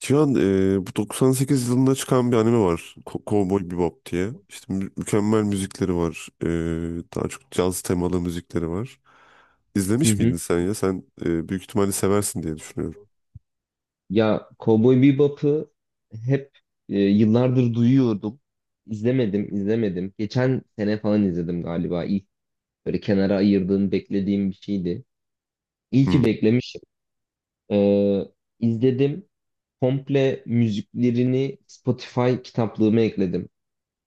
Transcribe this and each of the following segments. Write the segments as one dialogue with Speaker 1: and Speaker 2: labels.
Speaker 1: Cihan bu 98 yılında çıkan bir anime var. Cowboy Bebop diye. İşte mükemmel müzikleri var. Daha çok caz temalı müzikleri var.
Speaker 2: Hı
Speaker 1: İzlemiş miydin
Speaker 2: hı.
Speaker 1: sen ya? Sen büyük ihtimalle seversin diye düşünüyorum.
Speaker 2: Ya Cowboy Bebop'ı hep yıllardır duyuyordum. İzlemedim, izlemedim. Geçen sene falan izledim galiba. İlk böyle kenara ayırdığım, beklediğim bir şeydi. İyi ki
Speaker 1: Hmm.
Speaker 2: beklemişim. Ee, izledim. Komple müziklerini Spotify kitaplığıma ekledim.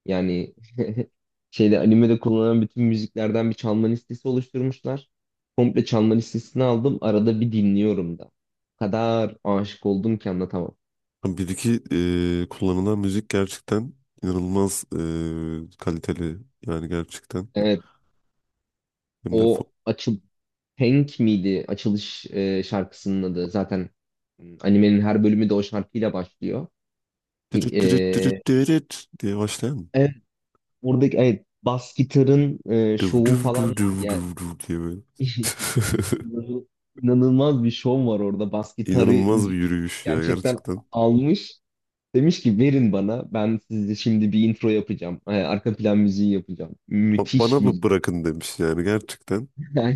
Speaker 2: Yani animede kullanılan bütün müziklerden bir çalma listesi oluşturmuşlar. Komple çalma listesini aldım. Arada bir dinliyorum da. O kadar aşık oldum ki anlatamam.
Speaker 1: Bir iki kullanılan müzik gerçekten inanılmaz kaliteli. Yani gerçekten.
Speaker 2: Evet,
Speaker 1: Hem de
Speaker 2: o açıl Tank miydi açılış şarkısının adı? Zaten animenin her bölümü de o şarkıyla başlıyor. İ-
Speaker 1: dırıt dırıt
Speaker 2: e,
Speaker 1: dırıt dırıt diye başlayan.
Speaker 2: evet, buradaki evet bas gitarın
Speaker 1: Düv
Speaker 2: şovu
Speaker 1: düv
Speaker 2: falan
Speaker 1: düv
Speaker 2: var
Speaker 1: düv
Speaker 2: ya.
Speaker 1: düv düv diye böyle.
Speaker 2: İnanılmaz bir şov var orada. Bas gitarı
Speaker 1: İnanılmaz bir yürüyüş ya
Speaker 2: gerçekten
Speaker 1: gerçekten.
Speaker 2: almış. Demiş ki verin bana. Ben size şimdi bir intro yapacağım. Arka plan müziği yapacağım.
Speaker 1: Bana
Speaker 2: Müthiş
Speaker 1: mı
Speaker 2: müzik.
Speaker 1: bırakın demiş yani gerçekten.
Speaker 2: Yani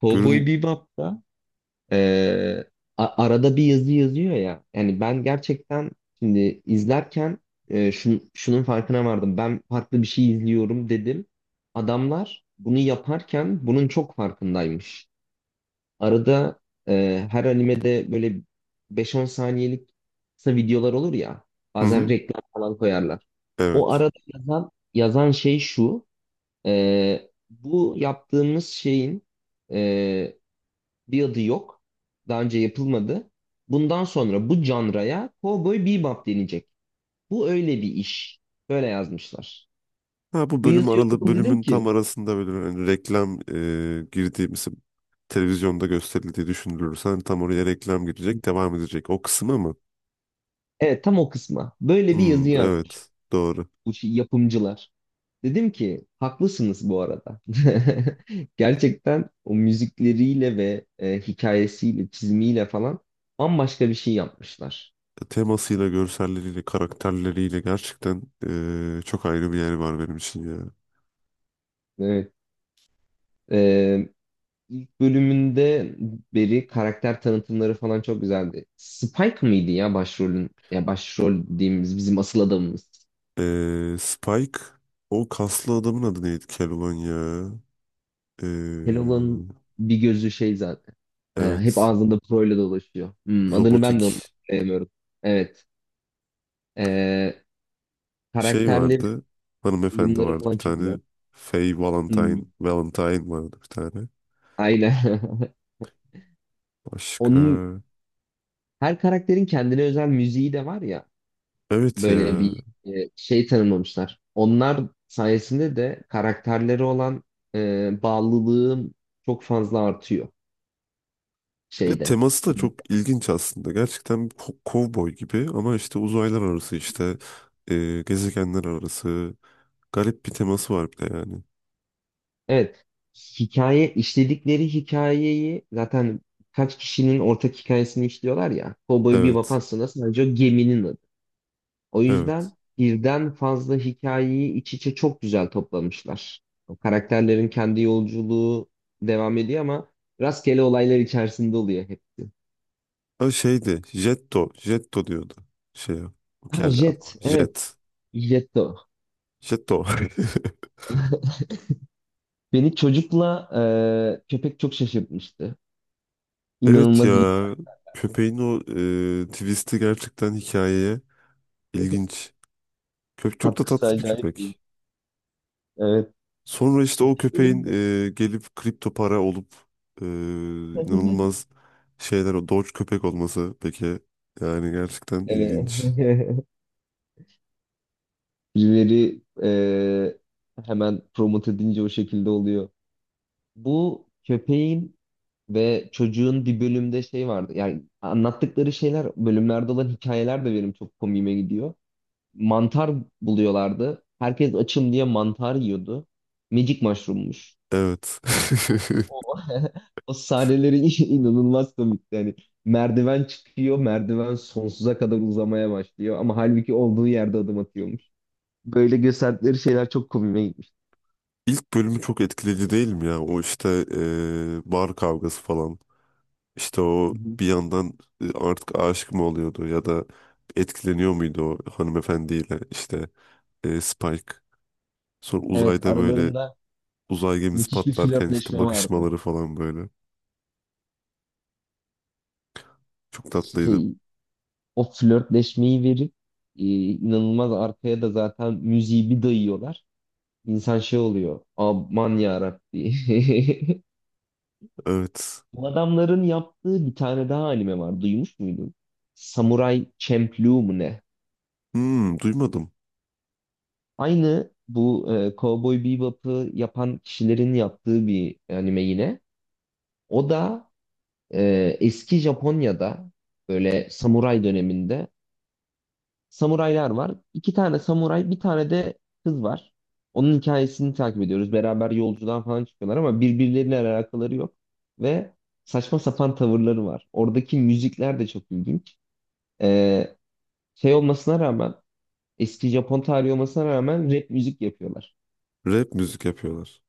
Speaker 2: Cowboy
Speaker 1: Görün
Speaker 2: Bebop'ta ee, arada bir yazı yazıyor ya. Yani ben gerçekten şimdi izlerken şunun farkına vardım. Ben farklı bir şey izliyorum dedim. Adamlar bunu yaparken bunun çok farkındaymış. Arada her animede böyle beş-on saniyelik kısa videolar olur ya.
Speaker 1: Hı
Speaker 2: Bazen
Speaker 1: hı,
Speaker 2: reklam falan koyarlar. O
Speaker 1: evet.
Speaker 2: arada yazan şey şu. Bu yaptığımız şeyin e, bir adı yok. Daha önce yapılmadı. Bundan sonra bu canraya Cowboy Bebop denecek. Bu öyle bir iş. Böyle yazmışlar.
Speaker 1: Ha, bu
Speaker 2: Bu
Speaker 1: bölüm
Speaker 2: yazıyı
Speaker 1: aralı
Speaker 2: okudum dedim
Speaker 1: bölümün tam
Speaker 2: ki
Speaker 1: arasında böyle hani reklam girdiğimiz televizyonda gösterildiği düşünülürse hani tam oraya reklam girecek devam edecek. O kısmı mı?
Speaker 2: evet, tam o kısma. Böyle bir
Speaker 1: Hmm,
Speaker 2: yazı yazmış
Speaker 1: evet doğru.
Speaker 2: bu yapımcılar. Dedim ki haklısınız bu arada. Gerçekten o müzikleriyle ve hikayesiyle, çizimiyle falan bambaşka bir şey yapmışlar.
Speaker 1: Temasıyla, görselleriyle, karakterleriyle gerçekten çok ayrı bir yer var benim için ya.
Speaker 2: Evet. E, ilk bölümünde beri karakter tanıtımları falan çok güzeldi. Spike mıydı ya başrolün, ya başrol dediğimiz bizim asıl adamımız.
Speaker 1: Spike, o kaslı adamın adı neydi Keloğlan ya? E,
Speaker 2: Keloğlan'ın bir gözü şey zaten. E, hep
Speaker 1: evet,
Speaker 2: ağzında proyla dolaşıyor. Hmm, adını ben
Speaker 1: robotik.
Speaker 2: de onu hatırlayamıyorum. Evet. E,
Speaker 1: Şey
Speaker 2: karakterleri,
Speaker 1: vardı. Hanımefendi
Speaker 2: uyumları
Speaker 1: vardı
Speaker 2: falan
Speaker 1: bir
Speaker 2: çok
Speaker 1: tane.
Speaker 2: güzel.
Speaker 1: Faye
Speaker 2: Hmm,
Speaker 1: Valentine. Valentine vardı bir tane.
Speaker 2: aynen.
Speaker 1: Başka.
Speaker 2: Onun her karakterin kendine özel müziği de var ya.
Speaker 1: Evet
Speaker 2: Böyle
Speaker 1: ya.
Speaker 2: bir şey tanımlamışlar. Onlar sayesinde de karakterleri olan bağlılığım çok fazla artıyor
Speaker 1: Ve
Speaker 2: şeyde.
Speaker 1: teması da çok ilginç aslında. Gerçekten bir kovboy gibi ama işte uzaylar arası işte gezegenler arası garip bir teması var bir de yani.
Speaker 2: Evet. Hikaye, işledikleri hikayeyi zaten kaç kişinin ortak hikayesini işliyorlar ya. Cowboy Bebop
Speaker 1: Evet.
Speaker 2: aslında sadece o geminin adı. O yüzden
Speaker 1: Evet.
Speaker 2: birden fazla hikayeyi iç içe çok güzel toplamışlar. O karakterlerin kendi yolculuğu devam ediyor ama rastgele olaylar içerisinde oluyor hep.
Speaker 1: O şeydi. Jetto. Jetto diyordu. Şey ya. O
Speaker 2: Ha
Speaker 1: kelle
Speaker 2: Jet,
Speaker 1: adam.
Speaker 2: evet,
Speaker 1: Jet.
Speaker 2: Jet de o.
Speaker 1: Jetto.
Speaker 2: Beni çocukla köpek çok şaşırtmıştı.
Speaker 1: Evet
Speaker 2: İnanılmaz iyi.
Speaker 1: ya. Köpeğin o twist'i gerçekten hikayeye. İlginç. Köpek çok da
Speaker 2: Katkısı
Speaker 1: tatlı bir
Speaker 2: acayip iyi.
Speaker 1: köpek.
Speaker 2: Evet.
Speaker 1: Sonra işte o köpeğin
Speaker 2: Ölüm.
Speaker 1: gelip kripto para olup e, inanılmaz şeyler o Doge köpek olması peki yani gerçekten
Speaker 2: Evet.
Speaker 1: ilginç.
Speaker 2: Birileri hemen promote edince o şekilde oluyor. Bu köpeğin ve çocuğun bir bölümde şey vardı. Yani anlattıkları şeyler, bölümlerde olan hikayeler de benim çok komiğime gidiyor. Mantar buluyorlardı. Herkes açım diye mantar yiyordu. Magic mushroommuş.
Speaker 1: Evet.
Speaker 2: O, o sahneleri inanılmaz komikti. Yani merdiven çıkıyor, merdiven sonsuza kadar uzamaya başlıyor. Ama halbuki olduğu yerde adım atıyormuş. Böyle gösterdikleri şeyler çok komiğime gitmişti.
Speaker 1: İlk bölümü çok etkileyici değil mi ya? O işte bar kavgası falan. İşte o
Speaker 2: Hı hı.
Speaker 1: bir yandan artık aşık mı oluyordu ya da etkileniyor muydu o hanımefendiyle işte Spike. Sonra
Speaker 2: Evet,
Speaker 1: uzayda böyle.
Speaker 2: aralarında
Speaker 1: Uzay gemisi
Speaker 2: müthiş bir
Speaker 1: patlarken işte
Speaker 2: flörtleşme vardı.
Speaker 1: bakışmaları falan böyle. Çok tatlıydı.
Speaker 2: Şey, o flörtleşmeyi verip inanılmaz arkaya da zaten müziği bir dayıyorlar. İnsan şey oluyor. Aman yarabbi.
Speaker 1: Evet.
Speaker 2: Bu adamların yaptığı bir tane daha anime var. Duymuş muydun? Samurai Champloo mu ne?
Speaker 1: Hmm, duymadım.
Speaker 2: Aynı bu Cowboy Bebop'ı yapan kişilerin yaptığı bir anime yine. O da eski Japonya'da böyle samuray döneminde samuraylar var. İki tane samuray, bir tane de kız var. Onun hikayesini takip ediyoruz. Beraber yolculuğa falan çıkıyorlar ama birbirleriyle alakaları yok. Ve saçma sapan tavırları var. Oradaki müzikler de çok ilginç. Ee, şey olmasına rağmen, eski Japon tarihi olmasına rağmen rap müzik yapıyorlar.
Speaker 1: Rap müzik yapıyorlar.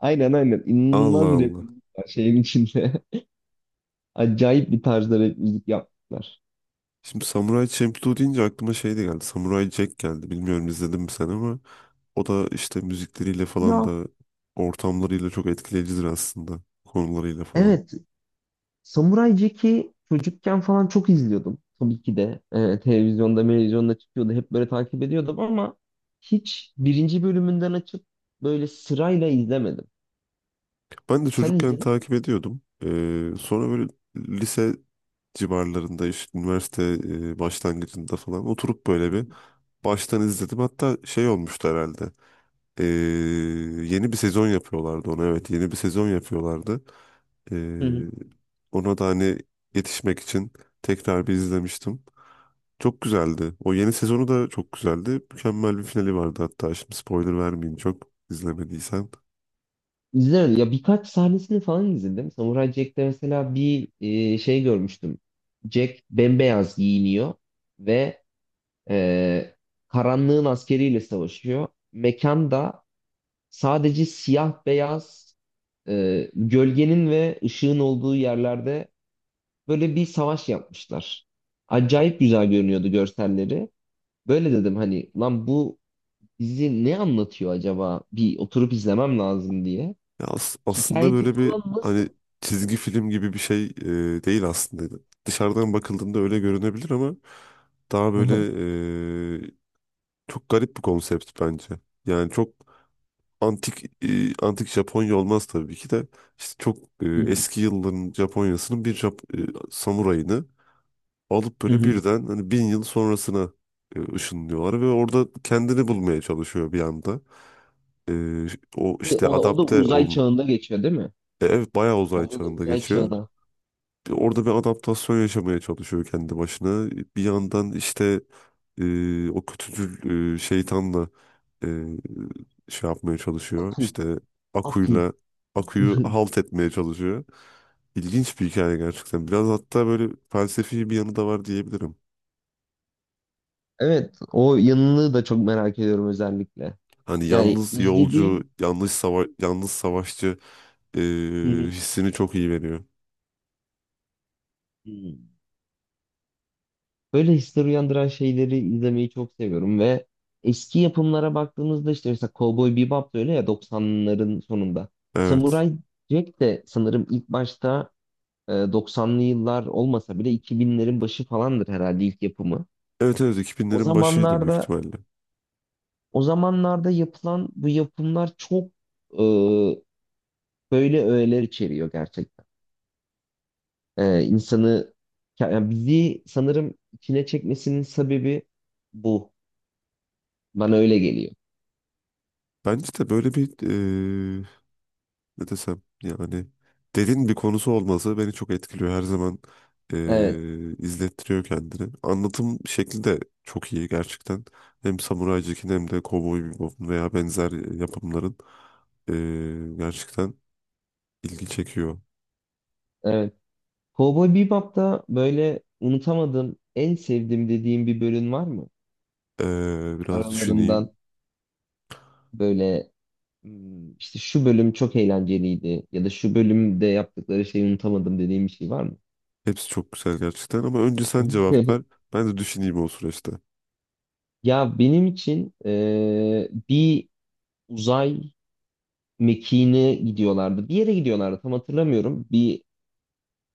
Speaker 2: Aynen, aynen. İnanılmaz
Speaker 1: Allah
Speaker 2: rap
Speaker 1: Allah.
Speaker 2: müzik var şeyin içinde. Acayip bir tarzda rap müzik yaptılar.
Speaker 1: Şimdi Samurai Champloo deyince aklıma şey de geldi. Samurai Jack geldi. Bilmiyorum izledin mi sen ama o da işte müzikleriyle falan
Speaker 2: Ya
Speaker 1: da ortamlarıyla çok etkileyicidir aslında. Konularıyla falan.
Speaker 2: evet. Samuray Jack'i çocukken falan çok izliyordum. Tabii ki de televizyonda çıkıyordu. Hep böyle takip ediyordum ama hiç birinci bölümünden açıp böyle sırayla izlemedim.
Speaker 1: Ben de
Speaker 2: Sen
Speaker 1: çocukken
Speaker 2: izledin mi?
Speaker 1: takip ediyordum. Sonra böyle lise civarlarında işte üniversite başlangıcında falan oturup böyle bir baştan izledim. Hatta şey olmuştu herhalde. Ee, Yeni bir sezon yapıyorlardı ona. Evet, yeni bir sezon yapıyorlardı.
Speaker 2: Hı hı.
Speaker 1: Ee, Ona da hani yetişmek için tekrar bir izlemiştim. Çok güzeldi. O yeni sezonu da çok güzeldi. Mükemmel bir finali vardı hatta. Şimdi spoiler vermeyeyim çok izlemediysen.
Speaker 2: İzlemedim. Ya birkaç sahnesini falan izledim. Samuray Jack'te mesela bir şey görmüştüm. Jack bembeyaz giyiniyor ve e, karanlığın askeriyle savaşıyor. Mekanda sadece siyah beyaz gölgenin ve ışığın olduğu yerlerde böyle bir savaş yapmışlar. Acayip güzel görünüyordu görselleri. Böyle dedim hani lan bu bizi ne anlatıyor acaba? Bir oturup izlemem lazım diye.
Speaker 1: Ya aslında
Speaker 2: Hikayesi
Speaker 1: böyle bir
Speaker 2: falan
Speaker 1: hani
Speaker 2: nasıl?
Speaker 1: çizgi film gibi bir şey değil aslında. Dışarıdan bakıldığında öyle görünebilir ama daha
Speaker 2: Hı
Speaker 1: böyle
Speaker 2: hı.
Speaker 1: e, çok garip bir konsept bence. Yani çok antik Japonya olmaz tabii ki de işte çok
Speaker 2: Hı hı.
Speaker 1: eski yılların Japonya'sının bir samurayını alıp
Speaker 2: Hı
Speaker 1: böyle
Speaker 2: hı.
Speaker 1: birden hani 1000 yıl sonrasına ışınlıyorlar ve orada kendini bulmaya çalışıyor bir anda. E, O işte
Speaker 2: O, o da
Speaker 1: adapte
Speaker 2: uzay
Speaker 1: olma.
Speaker 2: çağında geçiyor değil mi?
Speaker 1: Evet, bayağı uzay
Speaker 2: Onda da
Speaker 1: çağında
Speaker 2: uzay
Speaker 1: geçiyor.
Speaker 2: çağına.
Speaker 1: Orada bir adaptasyon yaşamaya çalışıyor kendi başına. Bir yandan işte o kötücül şeytanla e, şey yapmaya çalışıyor.
Speaker 2: Aku,
Speaker 1: İşte
Speaker 2: aku.
Speaker 1: Aku'yla Aku'yu halt etmeye çalışıyor. İlginç bir hikaye gerçekten. Biraz hatta böyle felsefi bir yanı da var diyebilirim.
Speaker 2: Evet, o yanını da çok merak ediyorum özellikle.
Speaker 1: Hani
Speaker 2: Yani
Speaker 1: yalnız yolcu,
Speaker 2: izlediğim.
Speaker 1: yalnız savaşçı e,
Speaker 2: Hı hı.
Speaker 1: hissini çok iyi veriyor.
Speaker 2: Hı. Böyle hisler uyandıran şeyleri izlemeyi çok seviyorum ve eski yapımlara baktığımızda işte mesela Cowboy Bebop da öyle ya, 90'ların sonunda.
Speaker 1: Evet.
Speaker 2: Samurai Jack de sanırım ilk başta 90'lı yıllar olmasa bile 2000'lerin başı falandır herhalde ilk yapımı.
Speaker 1: Evet, evet,
Speaker 2: O
Speaker 1: 2000'lerin başıydı büyük
Speaker 2: zamanlarda
Speaker 1: ihtimalle.
Speaker 2: o zamanlarda yapılan bu yapımlar çok e, böyle öğeler içeriyor gerçekten. E, insanı, yani bizi sanırım içine çekmesinin sebebi bu. Bana öyle geliyor.
Speaker 1: Bence de böyle bir e, ne desem yani derin bir konusu olması beni çok etkiliyor. Her zaman
Speaker 2: Evet.
Speaker 1: izlettiriyor kendini. Anlatım şekli de çok iyi gerçekten. Hem Samurai Jack'in hem de Cowboy Bebop'un veya benzer yapımların gerçekten ilgi çekiyor.
Speaker 2: Evet. Cowboy Bebop'ta böyle unutamadığım, en sevdiğim dediğim bir bölüm var mı?
Speaker 1: Biraz düşüneyim.
Speaker 2: Aralarından böyle hmm, işte şu bölüm çok eğlenceliydi ya da şu bölümde yaptıkları şeyi unutamadım dediğim bir şey var mı?
Speaker 1: Hepsi çok güzel gerçekten ama önce sen cevap ver. Ben de düşüneyim o süreçte.
Speaker 2: Ya benim için bir uzay mekiğine gidiyorlardı. Bir yere gidiyorlardı, tam hatırlamıyorum. Bir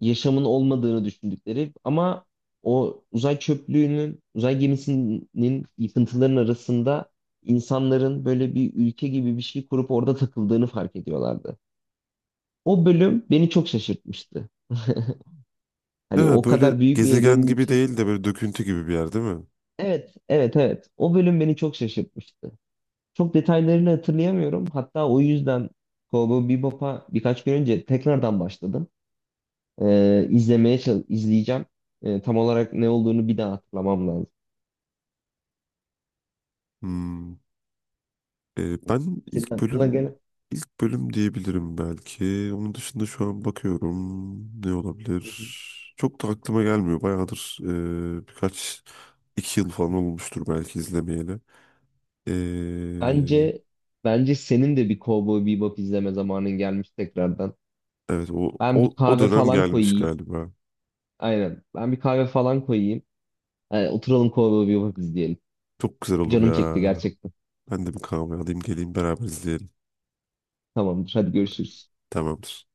Speaker 2: yaşamın olmadığını düşündükleri ama o uzay çöplüğünün, uzay gemisinin yıkıntıların arasında insanların böyle bir ülke gibi bir şey kurup orada takıldığını fark ediyorlardı. O bölüm beni çok şaşırtmıştı. Hani
Speaker 1: Ha,
Speaker 2: o
Speaker 1: böyle
Speaker 2: kadar büyük bir
Speaker 1: gezegen
Speaker 2: evrenin
Speaker 1: gibi
Speaker 2: için.
Speaker 1: değil de böyle döküntü gibi bir yer değil mi?
Speaker 2: Evet, evet, evet. O bölüm beni çok şaşırtmıştı. Çok detaylarını hatırlayamıyorum. Hatta o yüzden Cowboy Bebop'a birkaç gün önce tekrardan başladım. İzlemeye izleyeceğim. Tam olarak ne olduğunu bir daha hatırlamam lazım.
Speaker 1: Hmm. Ben
Speaker 2: Senin
Speaker 1: ilk
Speaker 2: aklına
Speaker 1: bölüm
Speaker 2: gelen.
Speaker 1: ilk bölüm diyebilirim belki. Onun dışında şu an bakıyorum ne olabilir?
Speaker 2: Hı hı.
Speaker 1: Çok da aklıma gelmiyor. Bayağıdır birkaç 2 yıl falan olmuştur belki izlemeyeli. Ee,
Speaker 2: Bence bence senin de bir Cowboy Bebop izleme zamanın gelmiş tekrardan.
Speaker 1: evet, o,
Speaker 2: Ben bir
Speaker 1: o o
Speaker 2: kahve
Speaker 1: dönem
Speaker 2: falan
Speaker 1: gelmiş
Speaker 2: koyayım.
Speaker 1: galiba.
Speaker 2: Aynen. Ben bir kahve falan koyayım. Oturalım Cowboy Bebop izleyelim.
Speaker 1: Çok güzel olur
Speaker 2: Canım
Speaker 1: ya.
Speaker 2: çekti gerçekten.
Speaker 1: Ben de bir kahve alayım geleyim beraber izleyelim.
Speaker 2: Tamamdır. Hadi görüşürüz.
Speaker 1: Tamamdır.